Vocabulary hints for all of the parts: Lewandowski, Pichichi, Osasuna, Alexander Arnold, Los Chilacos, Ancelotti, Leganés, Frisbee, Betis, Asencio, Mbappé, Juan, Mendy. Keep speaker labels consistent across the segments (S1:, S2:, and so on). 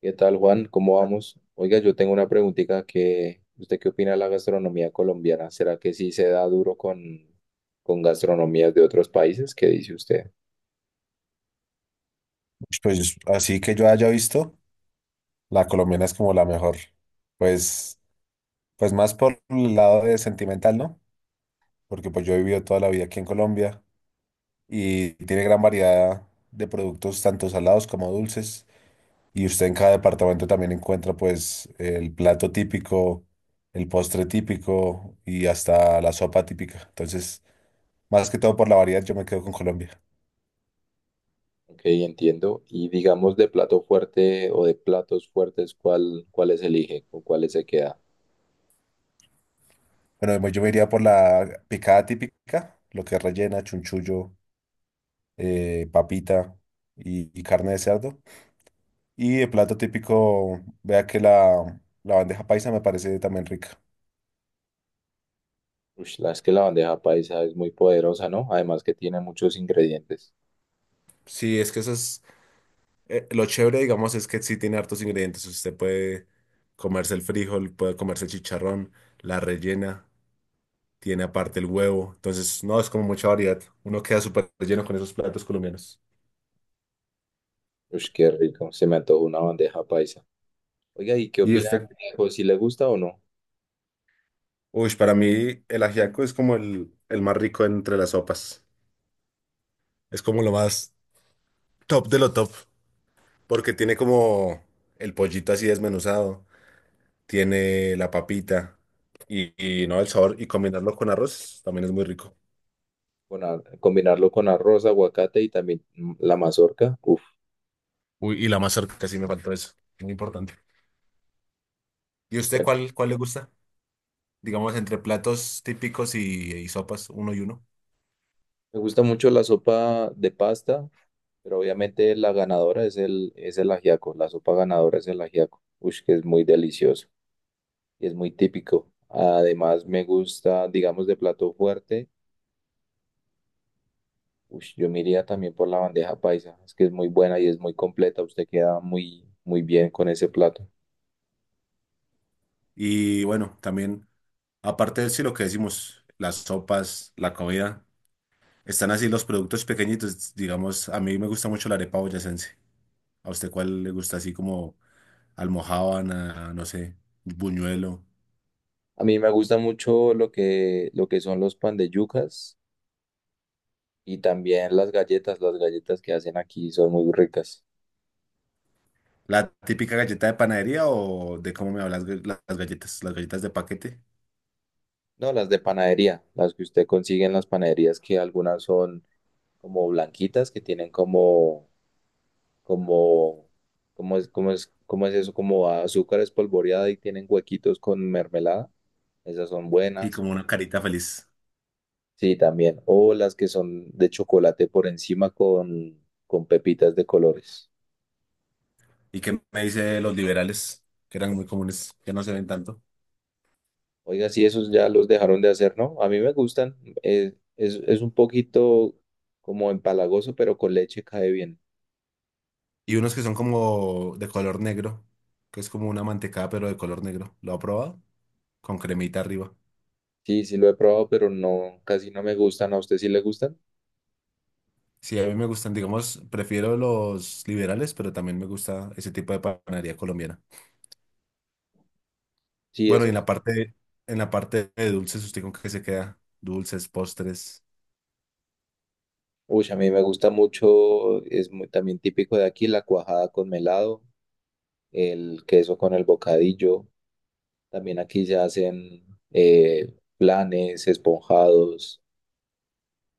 S1: ¿Qué tal, Juan? ¿Cómo vamos? Oiga, yo tengo una preguntita que, ¿usted qué opina de la gastronomía colombiana? ¿Será que sí se da duro con gastronomías de otros países? ¿Qué dice usted?
S2: Pues así que yo haya visto, la colombiana es como la mejor. Pues, pues más por el lado de sentimental, ¿no? Porque pues yo he vivido toda la vida aquí en Colombia y tiene gran variedad de productos, tanto salados como dulces. Y usted en cada departamento también encuentra pues el plato típico, el postre típico y hasta la sopa típica. Entonces, más que todo por la variedad, yo me quedo con Colombia.
S1: Ok, entiendo. Y digamos de plato fuerte o de platos fuertes, cuáles elige? ¿Con cuáles se queda?
S2: Bueno, yo me iría por la picada típica, lo que es rellena, chunchullo papita y carne de cerdo. Y el plato típico, vea que la bandeja paisa me parece también rica.
S1: Ush, es que la bandeja paisa es muy poderosa, ¿no? Además que tiene muchos ingredientes.
S2: Sí, es que eso es lo chévere, digamos, es que sí tiene hartos ingredientes. Usted puede comerse el frijol, puede comerse el chicharrón, la rellena, tiene aparte el huevo. Entonces, no, es como mucha variedad. Uno queda súper lleno con esos platos colombianos.
S1: Ush, qué rico. Se me antojó una bandeja paisa. Oiga, ¿y qué
S2: Y
S1: opina del
S2: usted,
S1: conejo? ¿Si le gusta o no?
S2: uy, para mí el ajiaco es como el más rico entre las sopas. Es como lo más top de lo top. Porque tiene como el pollito así desmenuzado, tiene la papita y, y no el sabor y combinarlo con arroz también es muy rico.
S1: Combinarlo con arroz, aguacate y también la mazorca. Uf,
S2: Uy, y la mazorca sí me faltó eso, muy importante. ¿Y usted
S1: bueno,
S2: cuál le gusta? Digamos, entre platos típicos y sopas, uno y uno.
S1: me gusta mucho la sopa de pasta, pero obviamente la ganadora es es el ajiaco. La sopa ganadora es el ajiaco. Ush, que es muy delicioso y es muy típico. Además, me gusta, digamos, de plato fuerte. Ush, yo me iría también por la bandeja paisa. Es que es muy buena y es muy completa. Usted queda muy, muy bien con ese plato.
S2: Y bueno, también, aparte de sí, lo que decimos, las sopas, la comida, están así los productos pequeñitos. Digamos, a mí me gusta mucho la arepa boyacense. ¿A usted cuál le gusta así como almojábana, no sé, buñuelo?
S1: A mí me gusta mucho lo que son los pan de yucas. Y también las galletas que hacen aquí son muy ricas.
S2: La típica galleta de panadería o de cómo me hablas las galletas de paquete.
S1: No, las de panadería, las que usted consigue en las panaderías, que algunas son como blanquitas, que tienen como, como es, como es, como es eso, como azúcar espolvoreada y tienen huequitos con mermelada. Esas son
S2: Y
S1: buenas.
S2: como una carita feliz.
S1: Sí, también. O las que son de chocolate por encima con pepitas de colores.
S2: ¿Y qué me dice de los liberales? Que eran muy comunes, que no se ven tanto.
S1: Oiga, sí, esos ya los dejaron de hacer, ¿no? A mí me gustan. Es un poquito como empalagoso, pero con leche cae bien.
S2: Y unos que son como de color negro, que es como una mantecada pero de color negro. ¿Lo ha probado? Con cremita arriba.
S1: Sí, sí lo he probado, pero no, casi no me gustan. ¿A usted sí le gustan?
S2: Sí, a mí me gustan, digamos, prefiero los liberales, pero también me gusta ese tipo de panadería colombiana.
S1: Sí,
S2: Bueno, y en
S1: esos.
S2: en la parte de dulces, ¿usted con qué se queda? Dulces, postres.
S1: Uy, a mí me gusta mucho. Es muy, también típico de aquí la cuajada con melado, el queso con el bocadillo. También aquí se hacen planes, esponjados,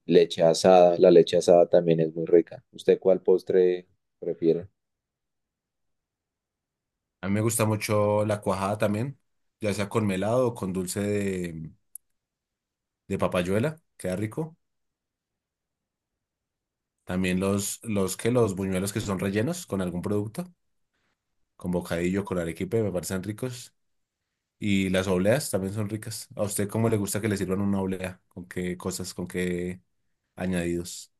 S1: leche asada. La leche asada también es muy rica. ¿Usted cuál postre prefiere?
S2: A mí me gusta mucho la cuajada también, ya sea con melado o con dulce de papayuela, queda rico. También los que los buñuelos que son rellenos con algún producto, con bocadillo, con arequipe, me parecen ricos. Y las obleas también son ricas. ¿A usted cómo le gusta que le sirvan una oblea? ¿Con qué cosas? ¿Con qué añadidos?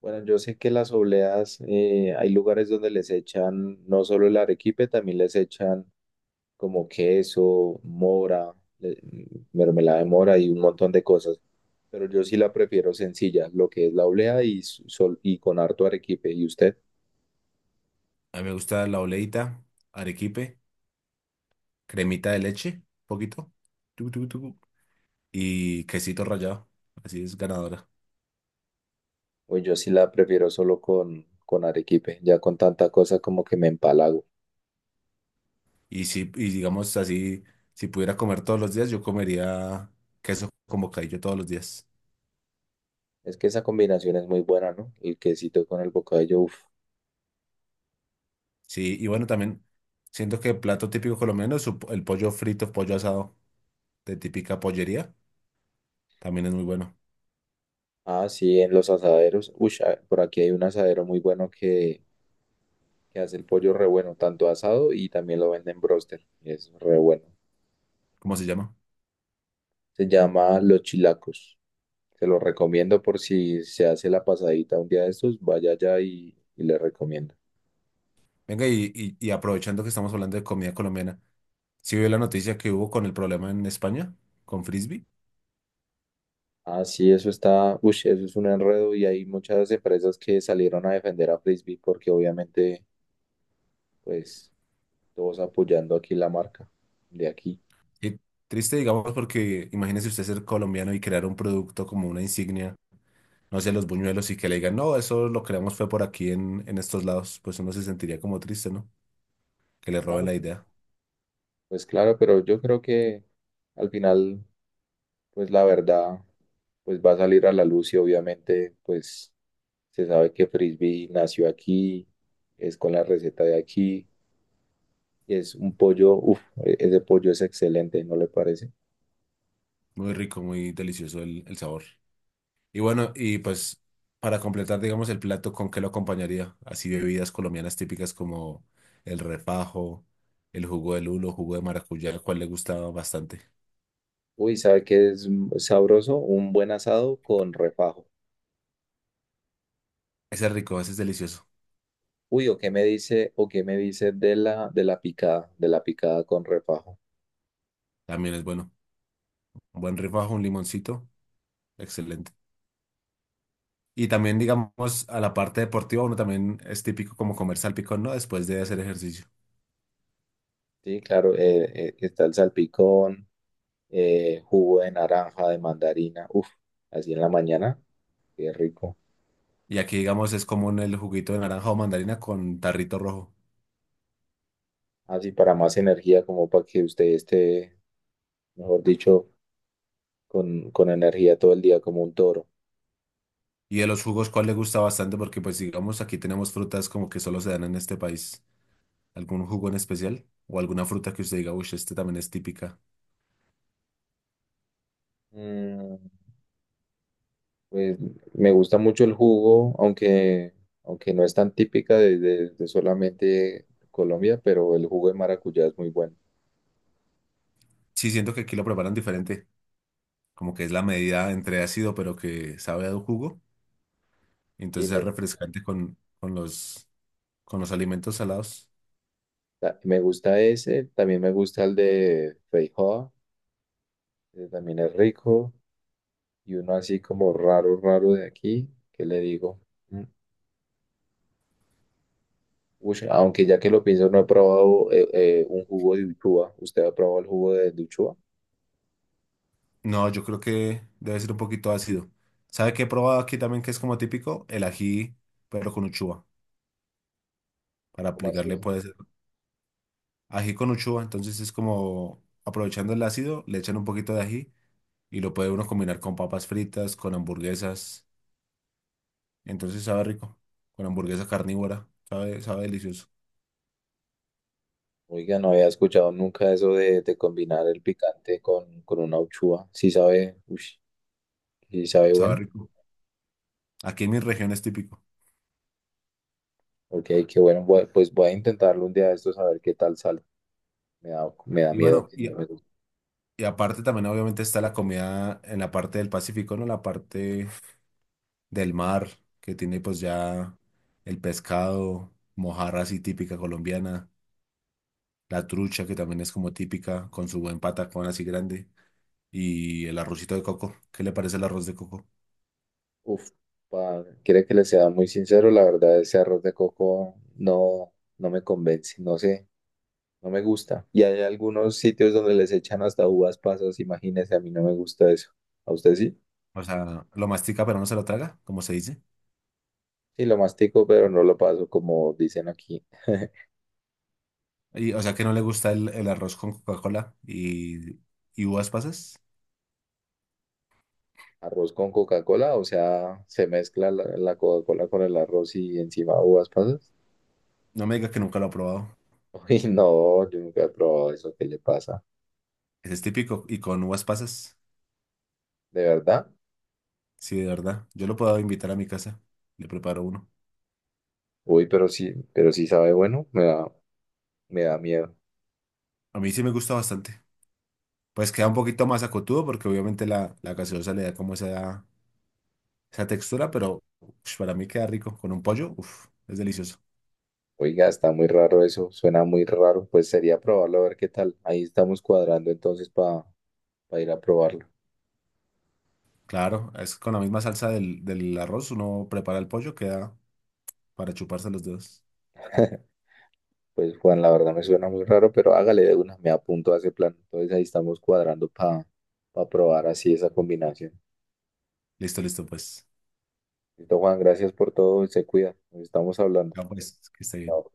S1: Bueno, yo sé que las obleas, hay lugares donde les echan no solo el arequipe, también les echan como queso, mora, mermelada de mora y un montón de cosas. Pero yo sí la prefiero sencilla, lo que es la oblea y, sol, y con harto arequipe. ¿Y usted?
S2: A mí me gusta la obleita, arequipe, cremita de leche, poquito, y quesito rallado. Así es ganadora.
S1: Pues yo sí la prefiero solo con arequipe, ya con tanta cosa como que me empalago.
S2: Y si, y digamos así, si pudiera comer todos los días, yo comería queso con bocadillo todos los días.
S1: Es que esa combinación es muy buena, ¿no? El quesito con el bocadillo, uff.
S2: Sí, y bueno, también siento que el plato típico colombiano es el pollo frito, pollo asado de típica pollería. También es muy bueno.
S1: Ah, sí, en los asaderos. Uy, por aquí hay un asadero muy bueno que hace el pollo re bueno, tanto asado y también lo venden en broster. Y es re bueno.
S2: ¿Cómo se llama?
S1: Se llama Los Chilacos. Se lo recomiendo por si se hace la pasadita un día de estos, vaya allá y le recomiendo.
S2: Venga, y aprovechando que estamos hablando de comida colombiana, ¿sí vio la noticia que hubo con el problema en España con Frisbee?
S1: Ah, sí, eso está, uy, eso es un enredo y hay muchas empresas que salieron a defender a Frisbee porque obviamente, pues, todos apoyando aquí la marca de aquí.
S2: Y triste, digamos, porque imagínese usted ser colombiano y crear un producto como una insignia, no sé, los buñuelos y que le digan, no, eso lo creamos fue por aquí en estos lados, pues uno se sentiría como triste, ¿no? Que le roben
S1: Claro,
S2: la
S1: pero-
S2: idea.
S1: pues claro, pero yo creo que al final, pues la verdad, pues va a salir a la luz y obviamente, pues se sabe que Frisbee nació aquí, es con la receta de aquí, y es un pollo, uff, ese pollo es excelente, ¿no le parece?
S2: Muy rico, muy delicioso el sabor. Y bueno, y pues para completar, digamos, el plato, ¿con qué lo acompañaría? Así bebidas colombianas típicas como el refajo, el jugo de lulo, jugo de maracuyá, el cual le gustaba bastante.
S1: Uy, ¿sabe qué es sabroso? Un buen asado con refajo.
S2: Ese es rico, ese es delicioso.
S1: Uy, o qué me dice de de la picada con refajo?
S2: También es bueno. Un buen refajo, un limoncito, excelente. Y también, digamos, a la parte deportiva, uno también es típico como comer salpicón, ¿no? Después de hacer ejercicio.
S1: Sí, claro, está el salpicón, jugo de naranja, de mandarina, uff, así en la mañana, qué rico.
S2: Y aquí, digamos, es común el juguito de naranja o mandarina con tarrito rojo.
S1: Así para más energía, como para que usted esté, mejor dicho con energía todo el día como un toro.
S2: Y de los jugos, ¿cuál le gusta bastante? Porque, pues, digamos, aquí tenemos frutas como que solo se dan en este país. ¿Algún jugo en especial? ¿O alguna fruta que usted diga, uy, este también es típica?
S1: Mm, pues me gusta mucho el jugo, aunque no es tan típica de, de solamente Colombia, pero el jugo de maracuyá es muy bueno.
S2: Sí, siento que aquí lo preparan diferente. Como que es la medida entre ácido, pero que sabe a un jugo.
S1: Y
S2: Entonces
S1: me,
S2: es refrescante con los, con los alimentos salados.
S1: Me gusta ese, también me gusta el de feijoa, que también es rico, y uno así como raro, raro de aquí, que le digo? Mm, Aunque ya que lo pienso, no he probado un jugo de uchuva. ¿Usted ha probado el jugo de uchuva?
S2: No, yo creo que debe ser un poquito ácido. ¿Sabe qué he probado aquí también que es como típico? El ají, pero con uchuva. Para
S1: ¿Cómo así?
S2: aplicarle puede ser ají con uchuva. Entonces es como aprovechando el ácido, le echan un poquito de ají y lo puede uno combinar con papas fritas, con hamburguesas. Entonces sabe rico. Con hamburguesa carnívora. Sabe, sabe delicioso.
S1: Oiga, no había escuchado nunca eso de combinar el picante con una uchúa. Sí sabe, ush, sí sabe
S2: Sabe
S1: bueno.
S2: rico. Aquí en mi región es típico.
S1: Ok, qué bueno. Pues voy a intentarlo un día de estos a ver qué tal sale. Me da
S2: Y
S1: miedo
S2: bueno,
S1: que no me guste.
S2: aparte también obviamente está la comida en la parte del Pacífico, ¿no? La parte del mar, que tiene pues ya el pescado, mojarra así típica colombiana, la trucha que también es como típica, con su buen patacón así grande, y el arrocito de coco. ¿Qué le parece el arroz de coco?
S1: Uf, quiere que le sea muy sincero, la verdad, ese arroz de coco no, no me convence, no sé, no me gusta. Y hay algunos sitios donde les echan hasta uvas pasas, imagínese, a mí no me gusta eso. ¿A usted sí?
S2: O sea, lo mastica pero no se lo traga, como se dice.
S1: Sí, lo mastico, pero no lo paso como dicen aquí.
S2: Y, o sea, que no le gusta el arroz con Coca-Cola y uvas pasas.
S1: Arroz con Coca-Cola, o sea, se mezcla la Coca-Cola con el arroz y encima uvas pasas.
S2: No me diga que nunca lo ha probado.
S1: Uy, no, yo nunca he probado eso, ¿qué le pasa?
S2: Ese es típico y con uvas pasas.
S1: ¿De verdad?
S2: Sí, de verdad. Yo lo puedo invitar a mi casa. Le preparo uno.
S1: Uy, pero sí sabe bueno, me da miedo.
S2: A mí sí me gusta bastante. Pues queda un poquito más acotudo porque obviamente la gaseosa le da como esa textura, pero ush, para mí queda rico. Con un pollo, uf, es delicioso.
S1: Oiga, está muy raro eso, suena muy raro, pues sería probarlo a ver qué tal. Ahí estamos cuadrando entonces para ir a probarlo.
S2: Claro, es con la misma salsa del arroz, uno prepara el pollo, queda para chuparse los dedos.
S1: Pues Juan, la verdad me suena muy raro, pero hágale de una, me apunto a ese plan. Entonces ahí estamos cuadrando para probar así esa combinación.
S2: Listo, listo, pues.
S1: Listo, Juan, gracias por todo y se cuida. Nos estamos hablando.
S2: Ya pues, que esté
S1: Chao.
S2: bien.